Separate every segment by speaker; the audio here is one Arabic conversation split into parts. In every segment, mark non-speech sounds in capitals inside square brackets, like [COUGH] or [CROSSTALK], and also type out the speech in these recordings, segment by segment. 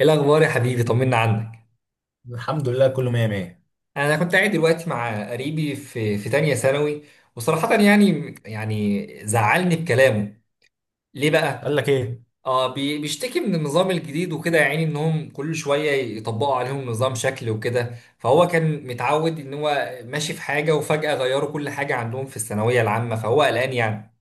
Speaker 1: ايه الاخبار يا حبيبي؟ طمنا عنك.
Speaker 2: الحمد لله، كله مية مية.
Speaker 1: انا كنت قاعد دلوقتي مع قريبي في تانية ثانوي، وصراحة يعني زعلني بكلامه. ليه
Speaker 2: قال
Speaker 1: بقى؟
Speaker 2: لك ايه؟
Speaker 1: اه، بيشتكي من النظام الجديد وكده، يعني انهم كل شوية يطبقوا عليهم نظام شكل وكده، فهو كان متعود ان هو ماشي في حاجة وفجأة غيروا كل حاجة عندهم في الثانوية العامة، فهو قلقان يعني.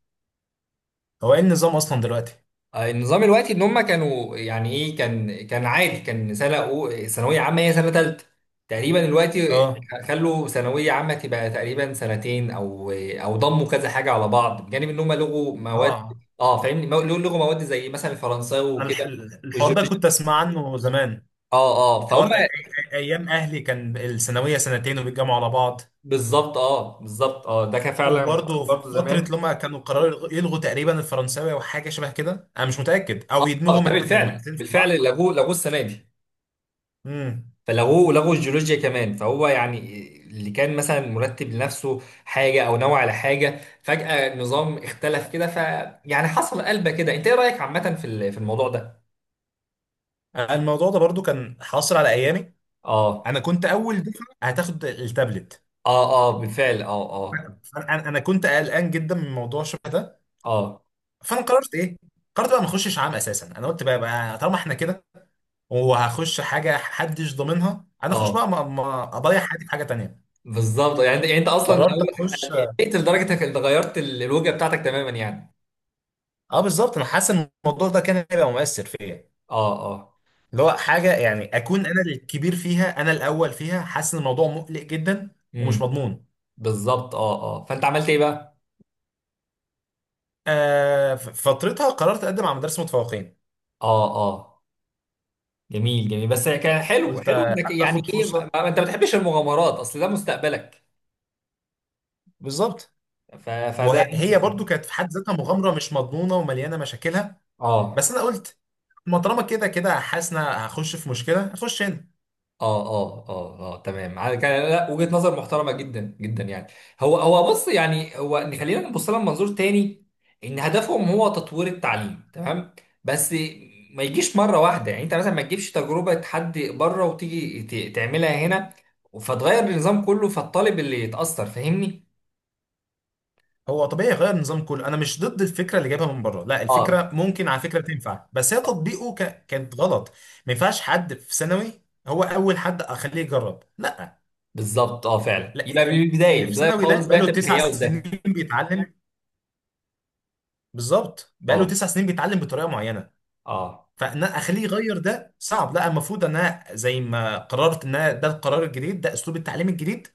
Speaker 2: هو ايه النظام اصلا دلوقتي؟
Speaker 1: النظام الوقتي ان هم كانوا يعني ايه، كان عادي، كان ثانويه عامه هي سنه ثالثه تقريبا الوقتي.
Speaker 2: اه،
Speaker 1: خلوا ثانويه عامه تبقى تقريبا سنتين، او ضموا كذا حاجه على بعض، بجانب ان هم لغوا مواد.
Speaker 2: اه.
Speaker 1: اه، فاهمني، لغوا مواد زي مثلا الفرنساوي
Speaker 2: انا
Speaker 1: وكده،
Speaker 2: الحوار ده
Speaker 1: والجيولوجيا.
Speaker 2: كنت اسمع عنه زمان.
Speaker 1: اه اه، فهم.
Speaker 2: حوار ايام اهلي كان الثانويه سنتين وبيتجمعوا على بعض.
Speaker 1: بالظبط، اه بالظبط، اه ده كان فعلا حصل
Speaker 2: وبرضه في
Speaker 1: برضه
Speaker 2: فتره
Speaker 1: زمان.
Speaker 2: لما كانوا قرروا يلغوا تقريبا الفرنساوي او حاجه شبه كده، انا مش متاكد، او
Speaker 1: اه،
Speaker 2: يدمجوا
Speaker 1: ده بالفعل
Speaker 2: مادتين في بعض.
Speaker 1: بالفعل لغوه، لغوه السنه دي.
Speaker 2: امم.
Speaker 1: فلغوه، لغوا الجيولوجيا كمان. فهو يعني اللي كان مثلا مرتب لنفسه حاجه او نوع على حاجه، فجأة النظام اختلف كده، ف يعني حصل قلبه كده. انت ايه رأيك عامه في في الموضوع ده؟
Speaker 2: الموضوع ده برضه كان حاصل على ايامي.
Speaker 1: اه
Speaker 2: انا كنت اول دفعه هتاخد التابلت.
Speaker 1: اه اه، بالفعل اه. اه
Speaker 2: فانا انا أنا كنت قلقان جدا من موضوع شبه ده.
Speaker 1: اه
Speaker 2: فانا قررت ايه؟ قررت بقى ما اخشش عام اساسا. انا قلت بقى طالما احنا كده، وهخش حاجه محدش ضامنها، انا اخش
Speaker 1: اه،
Speaker 2: بقى ما اضيع حياتي في حاجه تانية.
Speaker 1: بالظبط. يعني انت، يعني انت اصلا
Speaker 2: قررت اخش.
Speaker 1: قلت لدرجه انك غيرت الوجهه بتاعتك تماما يعني.
Speaker 2: اه، بالظبط، انا حاسس ان الموضوع ده كان هيبقى مؤثر فيا.
Speaker 1: اه اه.
Speaker 2: اللي هو حاجه يعني اكون انا الكبير فيها، انا الاول فيها، حاسس ان الموضوع مقلق جدا ومش
Speaker 1: امم،
Speaker 2: مضمون.
Speaker 1: بالظبط اه اه. فانت عملت ايه بقى؟
Speaker 2: فترتها قررت اقدم على مدارس متفوقين.
Speaker 1: اه اه، جميل جميل. بس كان حلو
Speaker 2: قلت
Speaker 1: حلو انك يعني
Speaker 2: اخد
Speaker 1: ايه،
Speaker 2: فرصه.
Speaker 1: انت ما بتحبش المغامرات، اصل ده مستقبلك.
Speaker 2: بالظبط.
Speaker 1: فده
Speaker 2: وهي
Speaker 1: انسب
Speaker 2: هي
Speaker 1: فعلا.
Speaker 2: برضو كانت في حد ذاتها مغامره مش مضمونه ومليانه مشاكلها.
Speaker 1: اه
Speaker 2: بس انا قلت، ما طالما كده كده حاسس إن أنا هخش في مشكله، هخش هنا.
Speaker 1: اه اه اه اه، تمام. على كان لا، وجهة نظر محترمة جدا جدا يعني. هو بص، يعني هو إن خلينا نبص لها من منظور تاني. ان هدفهم هو تطوير التعليم تمام، بس ما يجيش مرة واحدة. يعني انت مثلا ما تجيبش تجربة حد بره وتيجي تعملها هنا، فتغير النظام كله، فالطالب اللي يتأثر فاهمني؟
Speaker 2: هو طبيعي يغير النظام كله، انا مش ضد الفكره اللي جايبها من بره. لا،
Speaker 1: اه آه.
Speaker 2: الفكره ممكن على فكره تنفع، بس هي تطبيقه كانت غلط. ما ينفعش حد في ثانوي هو اول حد اخليه يجرب، لا،
Speaker 1: بالظبط اه فعلا.
Speaker 2: لا،
Speaker 1: يبقى من البدايه، من
Speaker 2: اللي في
Speaker 1: البدايه
Speaker 2: ثانوي ده
Speaker 1: خالص بقى
Speaker 2: بقاله تسع
Speaker 1: تبقى
Speaker 2: سنين
Speaker 1: لده.
Speaker 2: بيتعلم. بالظبط، بقاله
Speaker 1: اه
Speaker 2: 9 سنين بيتعلم بطريقه معينه.
Speaker 1: اه.
Speaker 2: فان أنا اخليه يغير ده صعب. لا، المفروض ان انا زي ما قررت ان أنا ده القرار الجديد، ده اسلوب التعليم الجديد،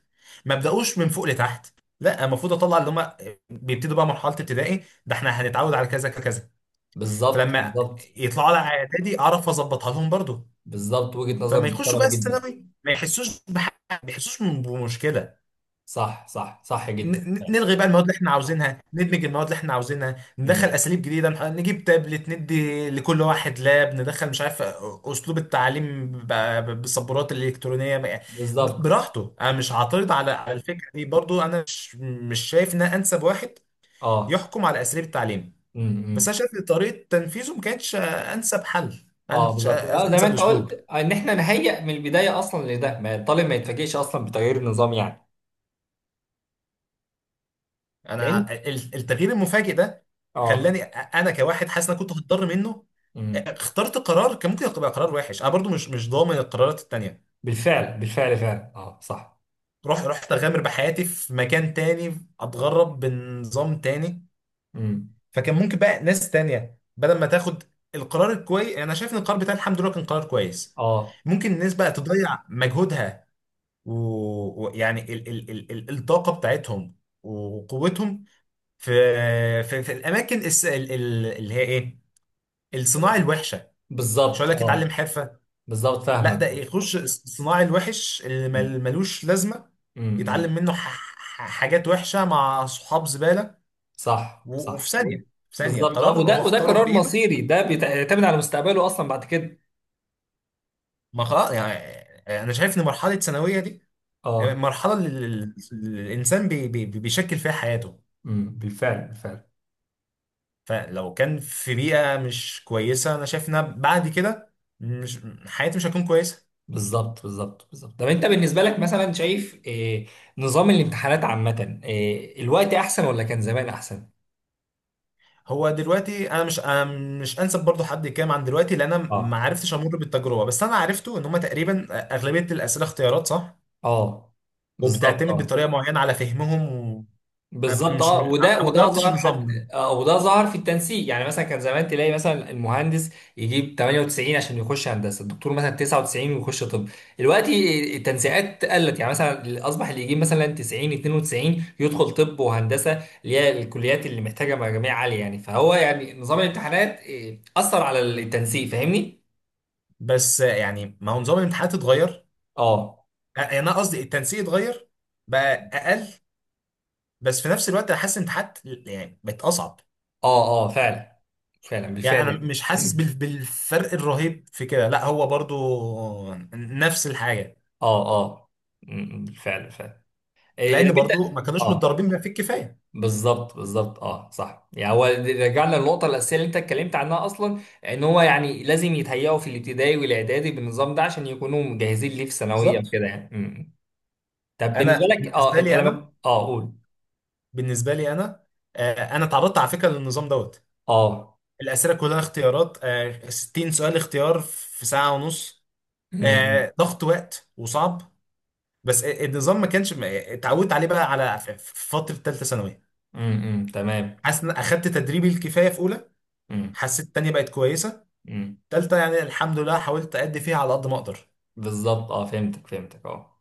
Speaker 2: ما ابداوش من فوق لتحت. لا، المفروض اطلع اللي هم بيبتدوا بقى مرحله ابتدائي، ده احنا هنتعود على كذا كذا.
Speaker 1: بالظبط
Speaker 2: فلما
Speaker 1: بالظبط
Speaker 2: يطلعوا على اعدادي اعرف اظبطها لهم برضو.
Speaker 1: بالظبط، وجهه نظر
Speaker 2: فما يخشوا
Speaker 1: محترمه
Speaker 2: بقى
Speaker 1: جدا.
Speaker 2: الثانوي ما يحسوش بحاجه ما يحسوش بمشكله.
Speaker 1: صح صح صح، جدا فعلا.
Speaker 2: نلغي بقى المواد اللي احنا عاوزينها، ندمج المواد اللي احنا عاوزينها، ندخل
Speaker 1: امم،
Speaker 2: اساليب جديده، نجيب تابلت، ندي لكل واحد لاب، ندخل مش عارف اسلوب التعليم بالسبورات الالكترونيه
Speaker 1: بالظبط
Speaker 2: براحته، انا مش هعترض على الفكره دي. برضو انا مش شايف ان أنا انسب واحد
Speaker 1: اه.
Speaker 2: يحكم على اساليب التعليم، بس
Speaker 1: امم.
Speaker 2: انا شايف ان طريقه تنفيذه ما كانتش انسب حل.
Speaker 1: اه
Speaker 2: أنش-
Speaker 1: بالظبط، اه زي ما
Speaker 2: انسب
Speaker 1: انت
Speaker 2: اسلوب.
Speaker 1: قلت، ان احنا نهيئ من البدايه اصلا لده، ما الطالب ما يتفاجئش اصلا بتغيير النظام يعني. لان
Speaker 2: انا التغيير المفاجئ ده خلاني،
Speaker 1: اه.
Speaker 2: انا كواحد حاسس ان انا كنت هتضر منه،
Speaker 1: امم،
Speaker 2: اخترت قرار كان ممكن يبقى قرار وحش. انا برضو مش ضامن القرارات التانية.
Speaker 1: بالفعل بالفعل فعلا اه صح.
Speaker 2: رحت اغامر بحياتي في مكان تاني، اتغرب بنظام تاني.
Speaker 1: امم،
Speaker 2: فكان ممكن بقى ناس تانية بدل ما تاخد القرار الكويس. يعني انا شايف ان القرار بتاع الحمد لله كان قرار كويس.
Speaker 1: اه
Speaker 2: ممكن الناس بقى تضيع مجهودها ويعني الطاقة بتاعتهم وقوتهم في في, في, الاماكن اللي هي ايه، الصناعي الوحشه. مش
Speaker 1: بالظبط.
Speaker 2: هقول لك
Speaker 1: اه
Speaker 2: اتعلم حرفه،
Speaker 1: بالظبط،
Speaker 2: لا
Speaker 1: فاهمك.
Speaker 2: ده يخش الصناعي الوحش اللي
Speaker 1: امم
Speaker 2: ملوش لازمه،
Speaker 1: امم.
Speaker 2: يتعلم منه حاجات وحشه مع صحاب زباله،
Speaker 1: صح
Speaker 2: وفي
Speaker 1: صح،
Speaker 2: ثانيه، في ثانيه
Speaker 1: بالظبط. اه،
Speaker 2: قرار هو
Speaker 1: وده وده
Speaker 2: اختاره
Speaker 1: قرار
Speaker 2: بايده.
Speaker 1: مصيري، ده بيعتمد على مستقبله اصلا بعد كده.
Speaker 2: ما خلاص يعني. يعني انا شايف ان مرحله ثانويه دي
Speaker 1: اه.
Speaker 2: مرحله اللي اللي الانسان بي بي بيشكل فيها حياته.
Speaker 1: امم، بالفعل بالفعل.
Speaker 2: فلو كان في بيئه مش كويسه، انا شايف انها بعد كده، مش، حياتي مش هتكون كويسه.
Speaker 1: بالظبط بالظبط بالظبط. طب انت بالنسبه لك مثلا شايف إيه؟ نظام الامتحانات عامه، إيه، الوقت احسن ولا كان زمان احسن؟
Speaker 2: هو دلوقتي انا مش أنا مش انسب برضو حد يتكلم عن دلوقتي، لان انا ما
Speaker 1: اه
Speaker 2: عرفتش امر بالتجربه، بس انا عرفته ان هم تقريبا اغلبيه الاسئله اختيارات صح
Speaker 1: اه، بالظبط
Speaker 2: وبتعتمد
Speaker 1: اه.
Speaker 2: بطريقه معينه على فهمهم. و... أب-
Speaker 1: بالظبط
Speaker 2: مش م...
Speaker 1: اه، وده
Speaker 2: أنا ما
Speaker 1: وده
Speaker 2: جربتش
Speaker 1: ظهر حتى.
Speaker 2: النظام ده.
Speaker 1: آه، وده ظهر في التنسيق. يعني مثلا كان زمان تلاقي مثلا المهندس يجيب 98 عشان يخش هندسه، الدكتور مثلا 99 ويخش طب. دلوقتي التنسيقات قلت. يعني مثلا اصبح اللي يجيب مثلا 90 92 يدخل طب وهندسه، اللي هي الكليات اللي محتاجه مجاميع عاليه يعني. فهو يعني نظام الامتحانات آه، اثر على التنسيق، فاهمني؟
Speaker 2: بس يعني ما هو نظام الامتحانات اتغير،
Speaker 1: اه
Speaker 2: يعني انا قصدي التنسيق اتغير، بقى اقل. بس في نفس الوقت انا حاسس الامتحانات يعني بقت اصعب.
Speaker 1: اه اه فعلا. فعلا
Speaker 2: يعني
Speaker 1: بالفعل
Speaker 2: انا
Speaker 1: يعني
Speaker 2: مش
Speaker 1: [CLEARS THROAT]
Speaker 2: حاسس
Speaker 1: م.
Speaker 2: بالفرق الرهيب في كده، لا هو برضو نفس الحاجه.
Speaker 1: اه اه. م- م، بالفعل فعلا. إيه، إيه،
Speaker 2: لان
Speaker 1: لما
Speaker 2: برضو
Speaker 1: انت.
Speaker 2: ما كانوش
Speaker 1: اه
Speaker 2: متدربين بما فيه الكفايه.
Speaker 1: بالظبط بالظبط اه صح. يعني هو رجعنا للنقطه الاساسيه اللي انت اتكلمت عنها اصلا، ان هو يعني لازم يتهيئوا في الابتدائي والاعدادي بالنظام ده، عشان يكونوا مجهزين ليه في ثانويه
Speaker 2: بالظبط.
Speaker 1: وكده يعني. امم. طب بالنسبه
Speaker 2: انا
Speaker 1: لك اه،
Speaker 2: بالنسبه
Speaker 1: انت
Speaker 2: لي انا
Speaker 1: لما اه قول.
Speaker 2: بالنسبه لي انا آه، انا اتعرضت على فكره للنظام دوت.
Speaker 1: اه.
Speaker 2: الاسئله كلها اختيارات، 60 سؤال اختيار في ساعه ونص.
Speaker 1: امم.
Speaker 2: ضغط وقت وصعب. بس النظام ما كانش اتعودت عليه بقى على في فتره ثالثه ثانوي.
Speaker 1: امم. امم، تمام.
Speaker 2: حاسس ان اخدت تدريبي الكفايه في اولى،
Speaker 1: امم.
Speaker 2: حسيت تانية بقت كويسه،
Speaker 1: امم.
Speaker 2: ثالثه يعني الحمد لله حاولت ادي فيها على قد ما اقدر.
Speaker 1: بالظبط اه، فهمتك فهمتك اه.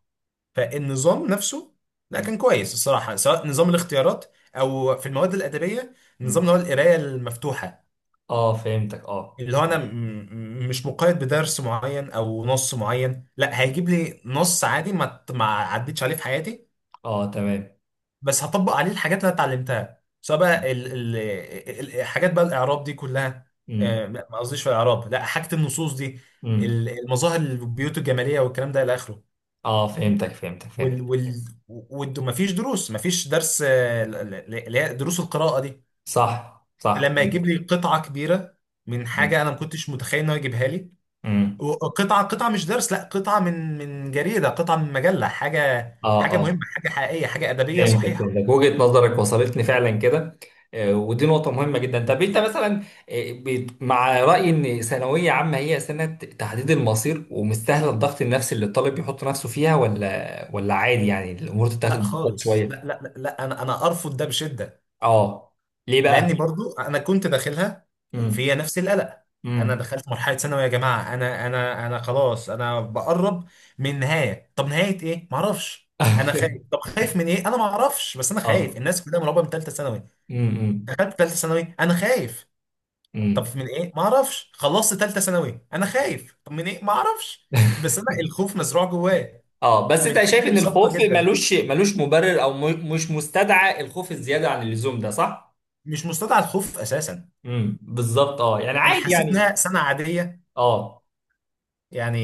Speaker 2: فالنظام نفسه لا
Speaker 1: امم.
Speaker 2: كان كويس الصراحه، سواء نظام الاختيارات او في المواد الادبيه، النظام
Speaker 1: امم.
Speaker 2: اللي هو القرايه المفتوحه،
Speaker 1: اه فهمتك اه.
Speaker 2: اللي هو انا مش مقيد بدرس معين او نص معين. لا، هيجيب لي نص عادي ما عدتش عليه في حياتي،
Speaker 1: اه تمام.
Speaker 2: بس هطبق عليه الحاجات اللي انا اتعلمتها، سواء بقى الحاجات بقى الاعراب دي كلها.
Speaker 1: امم.
Speaker 2: ما قصديش في الاعراب، لا حاجة النصوص دي،
Speaker 1: امم.
Speaker 2: المظاهر البيوت الجمالية والكلام ده الى اخره.
Speaker 1: اه فهمتك فهمتك
Speaker 2: وال
Speaker 1: فهمتك.
Speaker 2: وال وال مفيش دروس مفيش درس، اللي هي دروس القراءة دي،
Speaker 1: صح صح.
Speaker 2: لما يجيب لي قطعة كبيرة من
Speaker 1: امم.
Speaker 2: حاجة انا ما كنتش متخيل انه يجيبها لي.
Speaker 1: امم.
Speaker 2: قطعة قطعة مش درس، لا قطعة من جريدة، قطعة من مجلة، حاجة
Speaker 1: اه
Speaker 2: حاجة مهمة،
Speaker 1: اه
Speaker 2: حاجة حقيقية، حاجة أدبية
Speaker 1: فهمتك
Speaker 2: صحيحة.
Speaker 1: فهمتك، وجهة نظرك وصلتني فعلا كده. آه، ودي نقطة مهمة جدا. طب انت مثلا آه، مع رأيي ان ثانوية عامة هي سنة تحديد المصير ومستاهلة الضغط النفسي اللي الطالب يحط نفسه فيها، ولا عادي يعني الأمور تتاخد
Speaker 2: لا
Speaker 1: ببساطة
Speaker 2: خالص، لا،
Speaker 1: شوية؟
Speaker 2: لا، لا، لا، أنا أرفض ده بشدة.
Speaker 1: اه. ليه بقى؟
Speaker 2: لأني برضو أنا كنت داخلها،
Speaker 1: امم.
Speaker 2: فيها نفس القلق. أنا
Speaker 1: امم.
Speaker 2: دخلت مرحلة ثانوي يا جماعة، أنا خلاص أنا بقرب من نهاية، طب نهاية إيه؟ معرفش. أنا
Speaker 1: [LAUGHS]
Speaker 2: خايف، طب خايف من إيه؟ أنا معرفش، بس أنا
Speaker 1: اه.
Speaker 2: خايف. الناس كلها مرعوبة من ثالثة ثانوي،
Speaker 1: امم.
Speaker 2: دخلت ثالثة ثانوي أنا خايف، طب
Speaker 1: امم.
Speaker 2: من ايه ما اعرفش. خلصت ثالثه ثانوي انا خايف، طب من ايه ما اعرفش، بس انا الخوف مزروع جوايا
Speaker 1: اه، بس
Speaker 2: من
Speaker 1: انت شايف
Speaker 2: تجارب
Speaker 1: ان
Speaker 2: سابقه
Speaker 1: الخوف
Speaker 2: جدا.
Speaker 1: ملوش مبرر، او مش مستدعى الخوف الزيادة عن اللزوم ده، صح؟
Speaker 2: مش مستدعى الخوف اساسا.
Speaker 1: امم، بالظبط اه، يعني
Speaker 2: انا
Speaker 1: عادي
Speaker 2: حسيت
Speaker 1: يعني.
Speaker 2: انها سنه عاديه،
Speaker 1: اه.
Speaker 2: يعني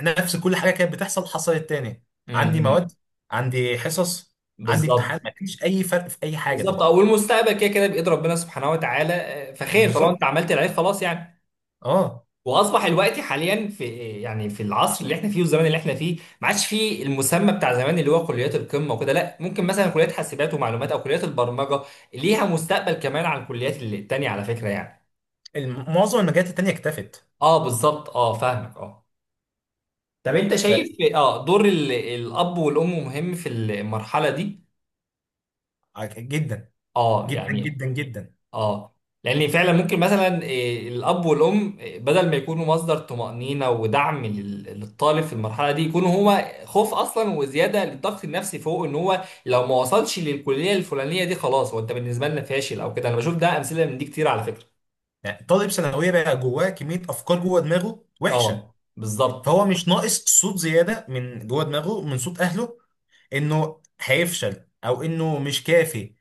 Speaker 2: نفس كل حاجه كانت بتحصل حصلت تاني. عندي مواد،
Speaker 1: امم،
Speaker 2: عندي حصص، عندي امتحان،
Speaker 1: بالظبط.
Speaker 2: ما فيش اي فرق في اي حاجه
Speaker 1: بالظبط،
Speaker 2: طبعا.
Speaker 1: او المستقبل كده كده بايد ربنا سبحانه وتعالى آه، فخير طالما انت
Speaker 2: بالظبط.
Speaker 1: عملت العيب خلاص يعني.
Speaker 2: اه،
Speaker 1: واصبح الوقت حاليا في يعني، في العصر اللي احنا فيه والزمان اللي احنا فيه، ما عادش فيه المسمى بتاع زمان اللي هو كليات القمه وكده. لا، ممكن مثلا كليات حاسبات ومعلومات او كليات البرمجه ليها مستقبل كمان عن الكليات التانيه، على فكره يعني.
Speaker 2: معظم المجالات التانيه اكتفت.
Speaker 1: اه بالظبط اه، فاهمك اه. طب انت
Speaker 2: ف
Speaker 1: شايف اه، دور الاب والام مهم في المرحله دي؟
Speaker 2: جدا،
Speaker 1: اه
Speaker 2: جدا
Speaker 1: يعني.
Speaker 2: جدا جدا،
Speaker 1: اه، لان فعلا ممكن مثلا إيه، الاب والام إيه، بدل ما يكونوا مصدر طمأنينة ودعم للطالب في المرحله دي، يكونوا هما خوف اصلا وزياده للضغط النفسي، فوق ان هو لو ما وصلش للكليه الفلانيه دي خلاص هو، انت بالنسبه لنا فاشل او كده. انا بشوف ده امثله من دي كتير على فكره.
Speaker 2: يعني طالب ثانويه بقى جواه كميه افكار جوه دماغه وحشه،
Speaker 1: اه بالظبط
Speaker 2: فهو مش ناقص صوت زياده من جوه دماغه من صوت اهله انه هيفشل او انه مش كافي،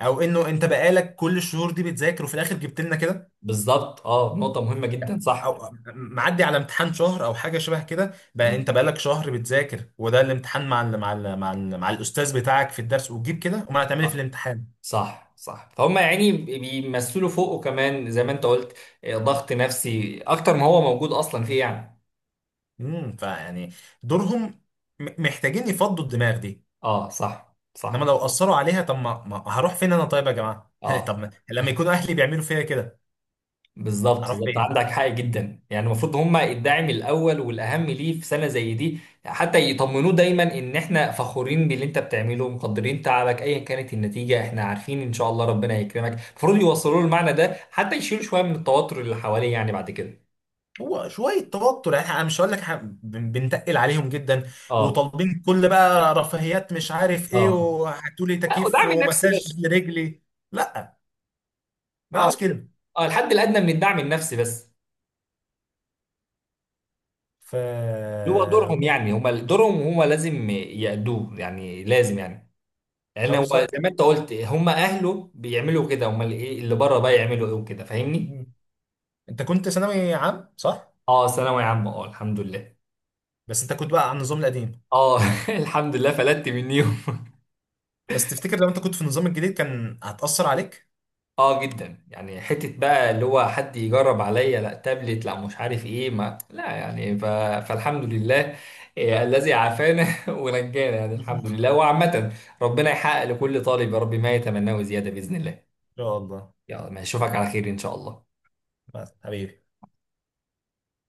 Speaker 2: او انه انت بقالك كل الشهور دي بتذاكر وفي الاخر جبت لنا كده،
Speaker 1: بالظبط، اه نقطه مهمه جدا صح.
Speaker 2: او معدي على امتحان شهر او حاجه شبه كده بقى انت
Speaker 1: مم.
Speaker 2: بقالك شهر بتذاكر وده الامتحان مع الاستاذ بتاعك في الدرس وتجيب كده، امال هتعمل ايه في
Speaker 1: آه،
Speaker 2: الامتحان؟
Speaker 1: صح صح فهم، يعني بيمثلوا فوقه كمان زي ما انت قلت إيه، ضغط نفسي اكتر ما هو موجود اصلا فيه يعني.
Speaker 2: فيعني دورهم، محتاجين يفضوا الدماغ دي.
Speaker 1: اه صح
Speaker 2: انما
Speaker 1: صح.
Speaker 2: لو اثروا عليها، طب ما هروح فين انا طيب يا جماعه [LAUGHS]
Speaker 1: اه
Speaker 2: طب لما يكونوا اهلي بيعملوا فيا كده
Speaker 1: بالظبط
Speaker 2: اروح
Speaker 1: بالظبط،
Speaker 2: فين؟
Speaker 1: عندك حق جدا. يعني المفروض هم الداعم الاول والاهم ليه في سنه زي دي، حتى يطمنوه دايما ان احنا فخورين باللي انت بتعمله، مقدرين تعبك ايا كانت النتيجه، احنا عارفين ان شاء الله ربنا هيكرمك. المفروض يوصلوا له المعنى ده حتى يشيلوا شويه من التوتر اللي حواليه يعني بعد كده.
Speaker 2: هو شوية توتر، يعني انا مش هقول لك بنتقل عليهم جدا
Speaker 1: اه
Speaker 2: وطالبين كل بقى رفاهيات مش عارف ايه
Speaker 1: اه.
Speaker 2: وهاتوا لي
Speaker 1: لا،
Speaker 2: تكييف
Speaker 1: ودعم نفسي
Speaker 2: ومساج
Speaker 1: بس.
Speaker 2: لرجلي. لا، ما
Speaker 1: اه
Speaker 2: عاوز كده.
Speaker 1: اه، الحد الادنى من الدعم النفسي بس. اللي هو دورهم،
Speaker 2: اه،
Speaker 1: يعني هم دورهم هم لازم يأدوه يعني، لازم يعني. لان هو زي
Speaker 2: بالظبط.
Speaker 1: ما انت قلت هم اهله بيعملوا كده، امال ايه اللي بره بقى يعملوا ايه وكده، فاهمني.
Speaker 2: مم. انت كنت ثانوي عام صح؟
Speaker 1: اه، ثانوي عام اه، الحمد لله.
Speaker 2: بس انت كنت بقى على النظام القديم.
Speaker 1: اه. [LAUGHS] الحمد لله، فلتت منيهم. [LAUGHS]
Speaker 2: بس تفتكر لو انت كنت في النظام الجديد كان هتأثر عليك؟
Speaker 1: اه جدا، يعني حته بقى اللي هو حد يجرب عليا، لا تابلت، لا مش عارف ايه، ما لا يعني فالحمد لله. إيه الذي عافانا [LAUGHS] ونجانا، يعني الحمد
Speaker 2: [LAUGHS]
Speaker 1: لله. وعامة، ربنا يحقق لكل طالب يا رب ما يتمناه زيادة بإذن الله.
Speaker 2: ان شاء الله.
Speaker 1: يلا، ما اشوفك على خير إن شاء الله.
Speaker 2: بس حبيبي.